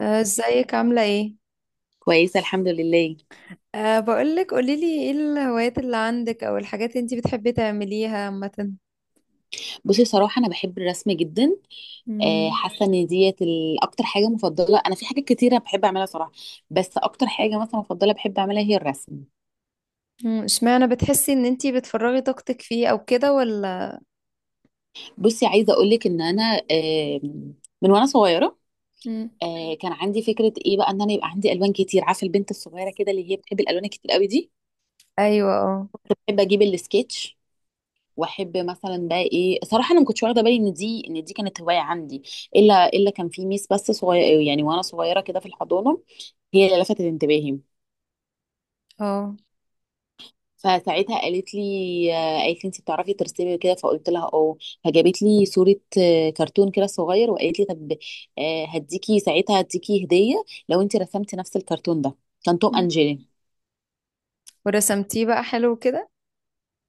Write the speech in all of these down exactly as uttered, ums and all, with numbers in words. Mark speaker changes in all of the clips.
Speaker 1: آه، ازيك عاملة ايه؟
Speaker 2: كويسة الحمد لله.
Speaker 1: أه بقولك قوليلي ايه الهوايات اللي عندك او الحاجات اللي انتي بتحبي تعمليها عامة.
Speaker 2: بصي، صراحة أنا بحب الرسم جدا. آه،
Speaker 1: مم.
Speaker 2: حاسة إن ديت ال- أكتر حاجة مفضلة. أنا في حاجات كتيرة بحب أعملها صراحة، بس أكتر حاجة مثلا مفضلة بحب أعملها هي الرسم.
Speaker 1: مم، اشمعنى بتحسي ان انتي بتفرغي طاقتك فيه او كده ولا؟
Speaker 2: بصي، عايزة أقولك إن أنا آه، من وأنا صغيرة
Speaker 1: مم.
Speaker 2: آه، كان عندي فكرة إيه بقى، إن أنا يبقى عندي ألوان كتير. عارفة البنت الصغيرة كده اللي هي بتحب الألوان الكتير قوي دي،
Speaker 1: ايوه، اه.
Speaker 2: بحب أجيب السكتش. واحب مثلا بقى ايه، صراحه انا ما كنتش واخده بالي ان دي ان دي كانت هوايه عندي. الا الا كان في ميس بس صغير، يعني وانا صغيره كده في الحضانه، هي اللي لفتت انتباهي.
Speaker 1: اه.
Speaker 2: فساعتها قالت لي، آه، قالت لي انت بتعرفي ترسمي كده؟ فقلت لها اه. فجابت لي صورة، آه، كرتون كده صغير، وقالت لي طب، آه، هديكي ساعتها هديكي هدية لو انت رسمتي نفس الكرتون ده. كان توم
Speaker 1: مم.
Speaker 2: اند جيري.
Speaker 1: ورسمتيه بقى حلو كده؟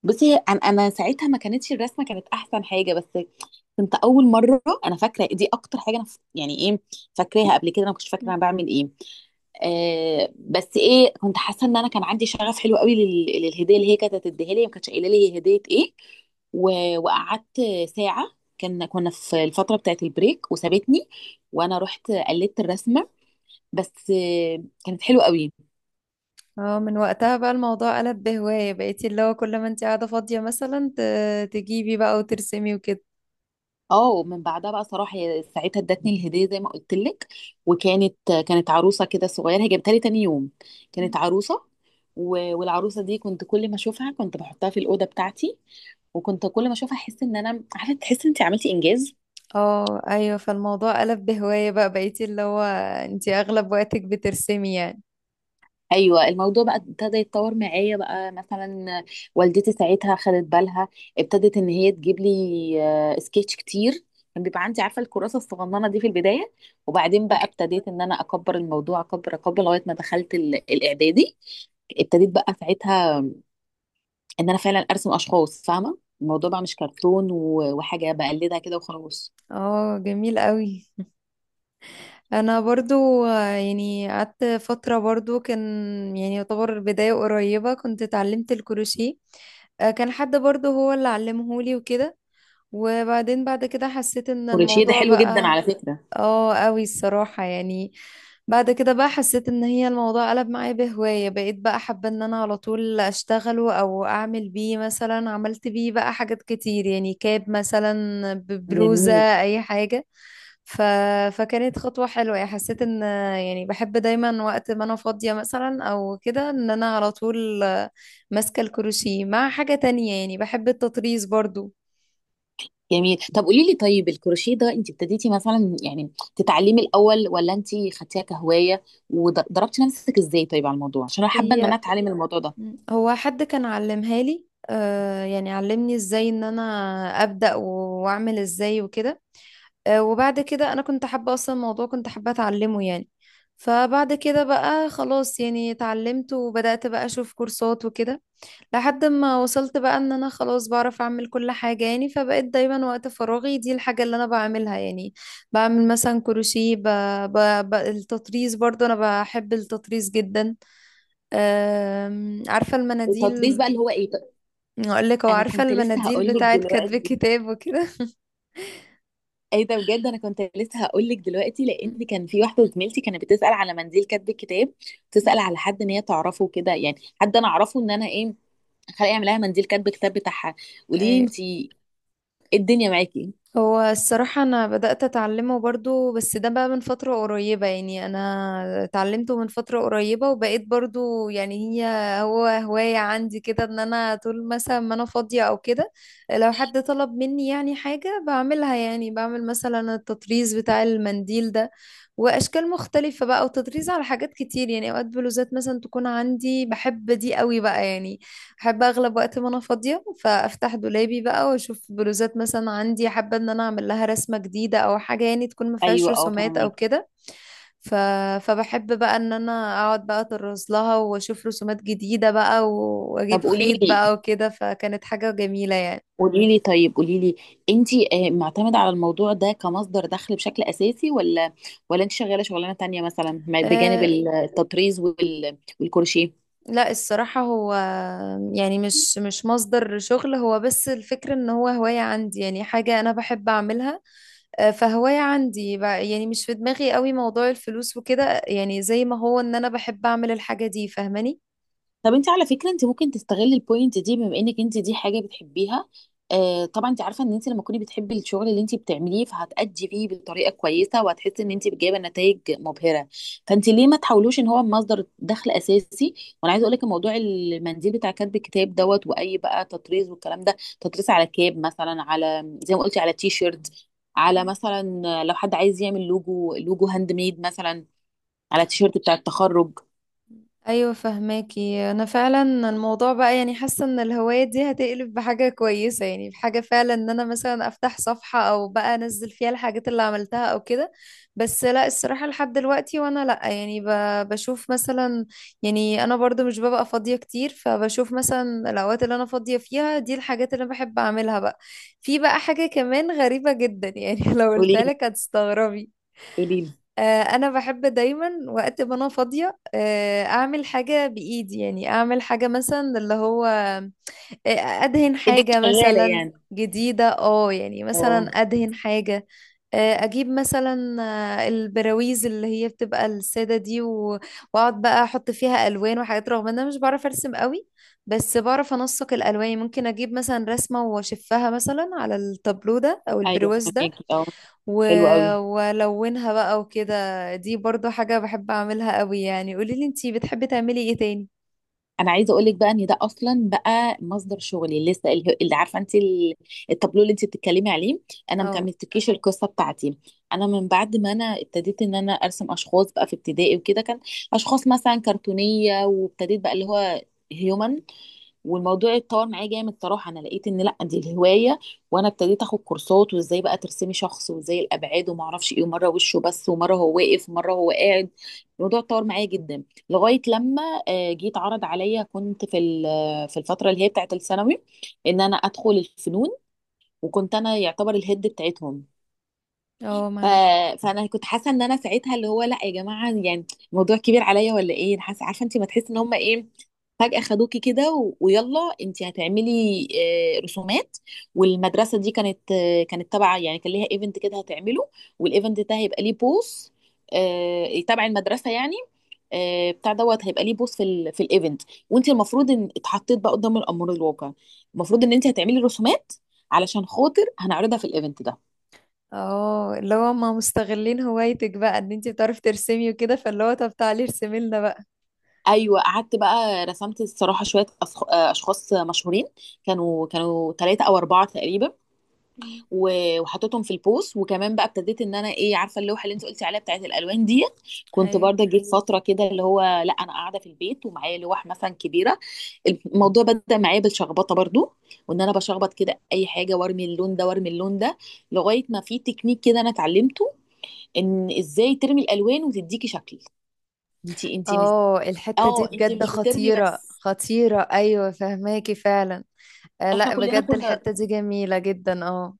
Speaker 2: بصي، انا انا ساعتها، ما كانتش الرسمه كانت احسن حاجه، بس كنت اول مره. انا فاكره دي اكتر حاجه انا ف- يعني ايه، فاكراها قبل كده. انا ما كنتش فاكره
Speaker 1: مم.
Speaker 2: انا بعمل ايه. آه بس ايه، كنت حاسه ان انا كان عندي شغف حلو قوي لل- للهديه اللي هي كانت هتديها لي. ما كانتش قايله لي هي هديه ايه. و- وقعدت ساعه، كان كنا في الفتره بتاعت البريك وسابتني، وانا رحت قلدت الرسمه. بس آه، كانت حلوه قوي.
Speaker 1: اه، من وقتها بقى الموضوع قلب بهواية بقيتي اللي هو كل ما انتي قاعدة فاضية مثلا ت- تجيبي بقى وترسمي وكده؟
Speaker 2: اه، من بعدها بقى صراحه، هي ساعتها ادتني الهديه زي ما قلت لك، وكانت، كانت عروسه كده صغيره، هي جابتها لي تاني يوم.
Speaker 1: مم.
Speaker 2: كانت عروسه. و- والعروسه دي كنت كل ما اشوفها كنت بحطها في الاوضه بتاعتي. وكنت كل ما اشوفها احس ان انا، عارفه، تحس ان انت عملتي انجاز.
Speaker 1: اه، ايوه، فالموضوع قلب بهواية بقى بقيتي اللي هو انتي اغلب وقتك بترسمي يعني.
Speaker 2: ايوه، الموضوع بقى ابتدى يتطور معايا بقى، مثلا والدتي ساعتها خدت بالها. ابتدت ان هي تجيب لي آه، سكتش كتير. كان بيبقى عندي، عارفه، الكراسه الصغننه دي في البدايه. وبعدين بقى ابتديت ان انا اكبر الموضوع، اكبر اكبر، لغايه ما دخلت ال- الاعدادي. ابتديت بقى ساعتها ان انا فعلا ارسم اشخاص، فاهمه الموضوع بقى مش كرتون و- وحاجه بقلدها كده وخلاص.
Speaker 1: اه، جميل قوي. انا برضو آه، يعني قعدت فترة برضو كان يعني يعتبر بداية قريبة كنت اتعلمت الكروشيه. آه، كان حد برضو هو اللي علمهولي وكده. وبعدين بعد كده حسيت ان
Speaker 2: كروشيه ده
Speaker 1: الموضوع
Speaker 2: حلو جدا
Speaker 1: بقى.
Speaker 2: على فكره.
Speaker 1: اه، قوي الصراحة يعني. بعد كده بقى حسيت ان هي الموضوع قلب معايا بهواية بقيت بقى حابة ان انا على طول اشتغله او اعمل بيه، مثلا عملت بيه بقى حاجات كتير يعني كاب مثلا ببلوزة،
Speaker 2: جميل.
Speaker 1: اي حاجة. ف... فكانت خطوة حلوة يعني، حسيت ان يعني بحب دايما وقت ما انا فاضية مثلا او كده ان انا على طول ماسكة الكروشيه مع حاجة تانية، يعني بحب التطريز برضو.
Speaker 2: جميل، طب قولي لي، طيب الكروشيه ده انت ابتديتي مثلا يعني تتعلمي الاول، ولا انت خدتيها كهوايه وضربتي نفسك ازاي؟ طيب على الموضوع، عشان انا حابه ان
Speaker 1: هي
Speaker 2: انا اتعلم الموضوع ده.
Speaker 1: هو حد كان علمها لي. آه يعني علمني ازاي ان انا ابدأ و- واعمل ازاي وكده. آه، وبعد كده انا كنت حابة اصلا الموضوع، كنت حابة اتعلمه يعني. فبعد كده بقى خلاص يعني اتعلمت وبدأت بقى اشوف كورسات وكده، لحد ما وصلت بقى ان انا خلاص بعرف اعمل كل حاجة يعني. فبقيت دايما وقت فراغي دي الحاجة اللي انا بعملها يعني. بعمل مثلا كروشيه، ب... ب... ب... التطريز برضو انا بحب التطريز جدا. أم... عارفة
Speaker 2: التطريز
Speaker 1: المناديل؟
Speaker 2: بقى اللي هو ايه؟
Speaker 1: اقول لك، هو
Speaker 2: انا
Speaker 1: عارفة
Speaker 2: كنت لسه
Speaker 1: المناديل
Speaker 2: هقول لك
Speaker 1: بتاعت كتب
Speaker 2: دلوقتي.
Speaker 1: الكتاب وكده؟
Speaker 2: ايه ده بجد، انا كنت لسه هقول لك دلوقتي، لان كان في واحده زميلتي كانت بتسال على منديل كاتب الكتاب. تسال على حد ان هي تعرفه كده، يعني حد انا اعرفه ان انا، ايه، خلق يعمل لها منديل كاتب الكتاب بتاعها. قولي لي
Speaker 1: ايوه.
Speaker 2: انت ايه، الدنيا معاكي.
Speaker 1: هو الصراحة أنا بدأت أتعلمه برضو، بس ده بقى من فترة قريبة يعني، أنا اتعلمته من فترة قريبة وبقيت برضو يعني هي هو هواية عندي كده إن أنا طول مثلا ما أنا فاضية أو كده لو حد طلب مني يعني حاجة بعملها. يعني بعمل مثلا التطريز بتاع المنديل ده وأشكال مختلفة بقى، وتطريز على حاجات كتير يعني، أوقات بلوزات مثلا تكون عندي بحب دي قوي بقى يعني. احب اغلب وقت ما انا فاضيه فافتح دولابي بقى واشوف بلوزات مثلا عندي حابه ان انا اعمل لها رسمه جديده او حاجه يعني تكون ما فيهاش
Speaker 2: ايوه، اه،
Speaker 1: رسومات او
Speaker 2: فاهمك.
Speaker 1: كده. ف... فبحب بقى ان انا اقعد بقى اطرز لها واشوف رسومات جديده بقى و-
Speaker 2: طب
Speaker 1: واجيب
Speaker 2: قولي
Speaker 1: خيط بقى
Speaker 2: لي،
Speaker 1: وكده، فكانت حاجه جميله يعني.
Speaker 2: قولي لي، طيب قولي لي، انتي آه، معتمدة على الموضوع ده كمصدر دخل بشكل اساسي، ولا ولا انت شغالة شغلانة تانية مثلا ما- بجانب
Speaker 1: أه...
Speaker 2: التطريز وال- والكروشيه؟
Speaker 1: لا الصراحه، هو يعني مش مش مصدر شغل، هو بس الفكره ان هو هوايه عندي، يعني حاجه انا بحب اعملها. آه، فهواية عندي بقى، يعني مش في دماغي قوي موضوع الفلوس وكده، يعني زي ما هو ان انا بحب اعمل الحاجة دي، فاهماني؟
Speaker 2: طب انت على فكره، انت ممكن تستغلي البوينت دي، بما انك انت دي حاجه بتحبيها. آه طبعا، انت عارفه ان انت لما تكوني بتحبي الشغل اللي انت بتعمليه، فهتأدي فيه بطريقه كويسه، وهتحسي ان انت جايبه نتائج مبهره. فانت ليه ما تحاولوش ان هو مصدر دخل اساسي؟ وانا عايزه اقول لك، موضوع المنديل بتاع كتب الكتاب دوت واي بقى، تطريز. والكلام ده، تطريز على كاب مثلا، على زي ما قلتي، على تي شيرت، على مثلا لو حد عايز يعمل لوجو، لوجو هاند ميد مثلا، على تيشيرت بتاع التخرج.
Speaker 1: ايوه فهماكي انا فعلا. الموضوع بقى يعني حاسه ان الهوايه دي هتقلب بحاجه كويسه، يعني بحاجه فعلا ان انا مثلا افتح صفحه او بقى انزل فيها الحاجات اللي عملتها او كده. بس لا الصراحه لحد دلوقتي وانا لا يعني ب- بشوف مثلا، يعني انا برضو مش ببقى فاضيه كتير، فبشوف مثلا الاوقات اللي انا فاضيه فيها دي الحاجات اللي انا بحب اعملها بقى. في بقى حاجه كمان غريبه جدا يعني لو
Speaker 2: قولي
Speaker 1: قلتها لك
Speaker 2: لي،
Speaker 1: هتستغربي.
Speaker 2: قولي لي،
Speaker 1: آه، انا بحب دايما وقت ما انا فاضيه آه، اعمل حاجه بايدي، يعني اعمل حاجه مثلا اللي هو آه، ادهن
Speaker 2: ايدك
Speaker 1: حاجه
Speaker 2: شغاله
Speaker 1: مثلا
Speaker 2: يعني.
Speaker 1: جديده. اه، يعني
Speaker 2: اه.
Speaker 1: مثلا ادهن حاجه. آه، اجيب مثلا آه، البراويز اللي هي بتبقى الساده دي و- واقعد بقى احط فيها الوان وحاجات، رغم ان انا مش بعرف ارسم قوي. بس بعرف انسق الالوان، ممكن اجيب مثلا رسمه واشفها مثلا على التابلو ده او
Speaker 2: ايوه
Speaker 1: البرواز ده
Speaker 2: فهماكي. اه،
Speaker 1: و...
Speaker 2: حلو قوي.
Speaker 1: والونها بقى وكده. دي برضو حاجة بحب اعملها قوي يعني. قولي لي انتي بتحبي تعملي ايه تاني؟
Speaker 2: انا عايزه اقول لك بقى، ان ده اصلا بقى مصدر شغلي لسه. ال- اللي، عارفه انت، ال- التابلو اللي انت بتتكلمي عليه، انا ما
Speaker 1: اه.
Speaker 2: كملتكيش القصه بتاعتي. انا من بعد ما انا ابتديت ان انا ارسم اشخاص بقى في ابتدائي وكده، كان اشخاص مثلا كرتونيه، وابتديت بقى اللي هو هيومن. والموضوع اتطور معايا جامد صراحه. انا لقيت ان لا، دي الهوايه. وانا ابتديت اخد كورسات، وازاي بقى ترسمي شخص، وازاي الابعاد، وما اعرفش ايه، ومره وشه بس، ومره هو واقف، ومره هو قاعد. الموضوع اتطور معايا جدا، لغايه لما آه، جيت عرض عليا. كنت في ال- في الفتره اللي هي بتاعت الثانوي، ان انا ادخل الفنون، وكنت انا يعتبر الهيد بتاعتهم.
Speaker 1: اه
Speaker 2: ف...
Speaker 1: معاك.
Speaker 2: فانا كنت حاسه ان انا ساعتها، اللي هو لا يا جماعه، يعني الموضوع كبير عليا ولا ايه؟ أنا حاسه، عارفه انت، ما تحس ان هم ايه، فجاه خدوكي كده و... ويلا انت هتعملي آه، رسومات. والمدرسه دي كانت، آه، كانت تبع، يعني كان ليها ايفنت كده هتعمله، والايفنت ده هيبقى ليه بوس آه، تبع المدرسه، يعني آه، بتاع دوت هيبقى ليه بوس في ال في الايفنت. وانت المفروض ان اتحطيت بقى قدام الامر الواقع، المفروض ان انت هتعملي رسومات علشان خاطر هنعرضها في الايفنت ده.
Speaker 1: اه، اللي هو ما مستغلين هوايتك بقى ان انتي بتعرفي ترسمي وكده، فاللي هو طب تعالي ارسمي لنا بقى.
Speaker 2: ايوه، قعدت بقى رسمت الصراحه شويه أصخ- آه، اشخاص مشهورين، كانوا كانوا ثلاثه او اربعه تقريبا،
Speaker 1: مم.
Speaker 2: و- وحطيتهم في البوست. وكمان بقى ابتديت ان انا، ايه، عارفه اللوحه اللي انت قلتي عليها بتاعت الالوان ديت، كنت
Speaker 1: ايوه،
Speaker 2: برضه جيت فتره كده اللي هو لا، انا قاعده في البيت ومعايا لوح مثلا كبيره. الموضوع بدا معايا بالشخبطه برضه، وان انا بشخبط كده اي حاجه، وارمي اللون ده وارمي اللون ده، لغايه ما في تكنيك كده انا اتعلمته، ان ازاي ترمي الالوان وتديكي شكل. انت انت مش،
Speaker 1: اه الحتة دي
Speaker 2: اه انت
Speaker 1: بجد
Speaker 2: مش بترمي
Speaker 1: خطيرة
Speaker 2: بس.
Speaker 1: خطيرة، ايوه فهماكي فعلا. آه
Speaker 2: احنا
Speaker 1: لا،
Speaker 2: كلنا
Speaker 1: بجد
Speaker 2: كنا،
Speaker 1: الحتة دي جميلة جدا. اه.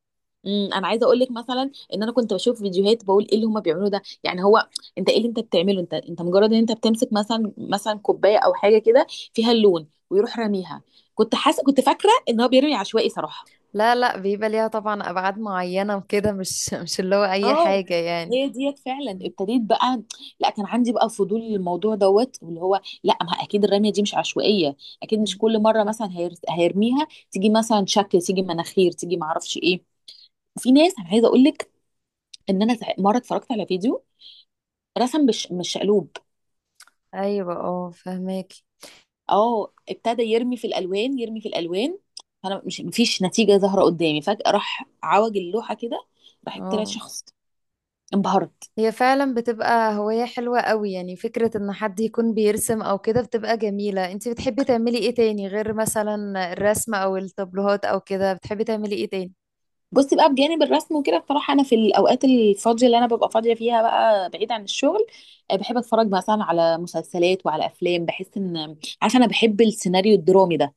Speaker 2: امم انا عايزه اقول لك مثلا، ان انا كنت بشوف فيديوهات بقول ايه اللي هما بيعملوه ده، يعني هو انت ايه اللي انت بتعمله؟ انت، انت مجرد ان انت بتمسك مثلا، مثلا كوبايه او حاجه كده فيها اللون ويروح راميها. كنت حاسه، كنت فاكره ان هو بيرمي عشوائي صراحه.
Speaker 1: لا، لا بيبقى ليها طبعا ابعاد معينة وكده، مش مش اللي هو اي
Speaker 2: اه،
Speaker 1: حاجة يعني.
Speaker 2: هي ديت فعلا ابتديت بقى، لا، كان عندي بقى فضول للموضوع دوت، واللي هو لا، ما اكيد الرميه دي مش عشوائيه، اكيد مش
Speaker 1: مم.
Speaker 2: كل مره مثلا هير- هيرميها تيجي مثلا شكل، تيجي مناخير، تيجي معرفش ايه. وفي ناس، انا عايزه اقول لك ان انا سع- مره اتفرجت على فيديو رسم، مش مش شقلوب.
Speaker 1: ايوه اه، فهماكي
Speaker 2: اه، ابتدى يرمي في الالوان، يرمي في الالوان، فانا مش، مفيش نتيجه ظاهره قدامي. فجاه راح عوج اللوحه كده، راح طلع
Speaker 1: اه.
Speaker 2: شخص. انبهرت.
Speaker 1: هي فعلا بتبقى هواية حلوة قوي يعني، فكرة ان حد يكون بيرسم او كده بتبقى جميلة. انتي بتحبي تعملي ايه تاني غير مثلا الرسم او التابلوهات او كده؟ بتحبي تعملي ايه تاني؟
Speaker 2: بصي بقى، بجانب الرسم وكده، بصراحه انا في الاوقات الفاضيه اللي انا ببقى فاضيه فيها بقى بعيد عن الشغل، آه، بحب اتفرج مثلا على مسلسلات وعلى افلام. بحس ان، عارفه، انا بحب السيناريو الدرامي ده.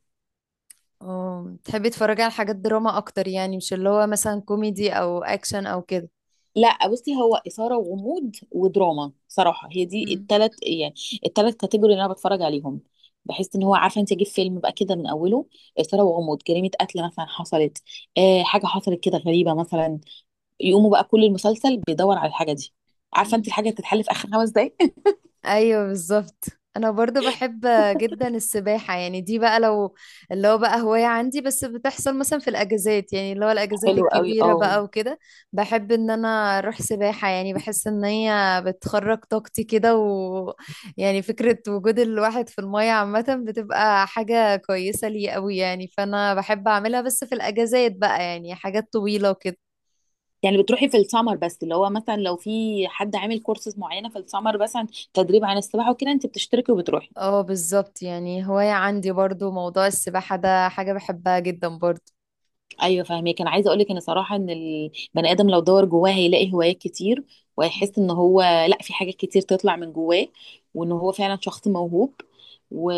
Speaker 1: اه بتحبي تتفرجي على حاجات دراما اكتر يعني، مش اللي هو مثلا كوميدي او اكشن او كده؟
Speaker 2: لا بصي، هو اثاره وغموض ودراما صراحه، هي دي
Speaker 1: مم.
Speaker 2: الثلاث يعني، الثلاث كاتيجوري اللي انا بتفرج عليهم. بحس ان هو، عارفه انت، اجيب فيلم بقى كده من اوله، اثاره وغموض، جريمه قتل مثلا حصلت، آه حاجه حصلت كده غريبه مثلا، يقوموا بقى كل المسلسل بيدور على الحاجه دي، عارفه انت،
Speaker 1: مم.
Speaker 2: الحاجه اللي بتتحل في اخر خمس دقايق.
Speaker 1: ايوه بالظبط. انا برضو بحب جدا السباحه، يعني دي بقى لو اللي هو بقى هوايه عندي، بس بتحصل مثلا في الاجازات، يعني اللي هو الاجازات
Speaker 2: حلو قوي،
Speaker 1: الكبيره
Speaker 2: اه.
Speaker 1: بقى وكده. بحب ان انا اروح سباحه، يعني بحس ان هي بتخرج طاقتي كده، و يعني فكره وجود الواحد في الميه عامه بتبقى حاجه كويسه لي قوي يعني. فانا بحب اعملها بس في الاجازات بقى، يعني حاجات طويله وكده.
Speaker 2: يعني بتروحي في السمر بس، اللي هو مثلا لو في حد عامل كورسز معينه في السمر مثلا تدريب عن السباحه وكده، انت بتشتركي وبتروحي.
Speaker 1: اه بالظبط، يعني هوايه عندي برضو موضوع السباحه ده، حاجه بحبها جدا برضو.
Speaker 2: ايوه، فاهمك. انا عايزه اقول لك ان صراحه، ان البني ادم لو دور جواه، هيلاقي هوايات كتير، وهيحس ان هو، لا، في حاجات كتير تطلع من جواه، وان هو فعلا شخص موهوب. و...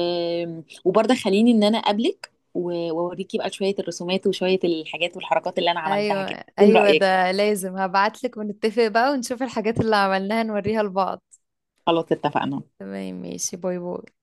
Speaker 2: وبرضه خليني ان انا اقابلك و- واوريكي بقى شويه الرسومات وشويه الحاجات والحركات اللي انا عملتها كده.
Speaker 1: ايوه.
Speaker 2: من
Speaker 1: ايوه
Speaker 2: رايك؟
Speaker 1: ده لازم، هبعتلك ونتفق بقى ونشوف الحاجات اللي عملناها نوريها لبعض.
Speaker 2: خلاص، اتفقنا.
Speaker 1: تمام ماشي، باي باي.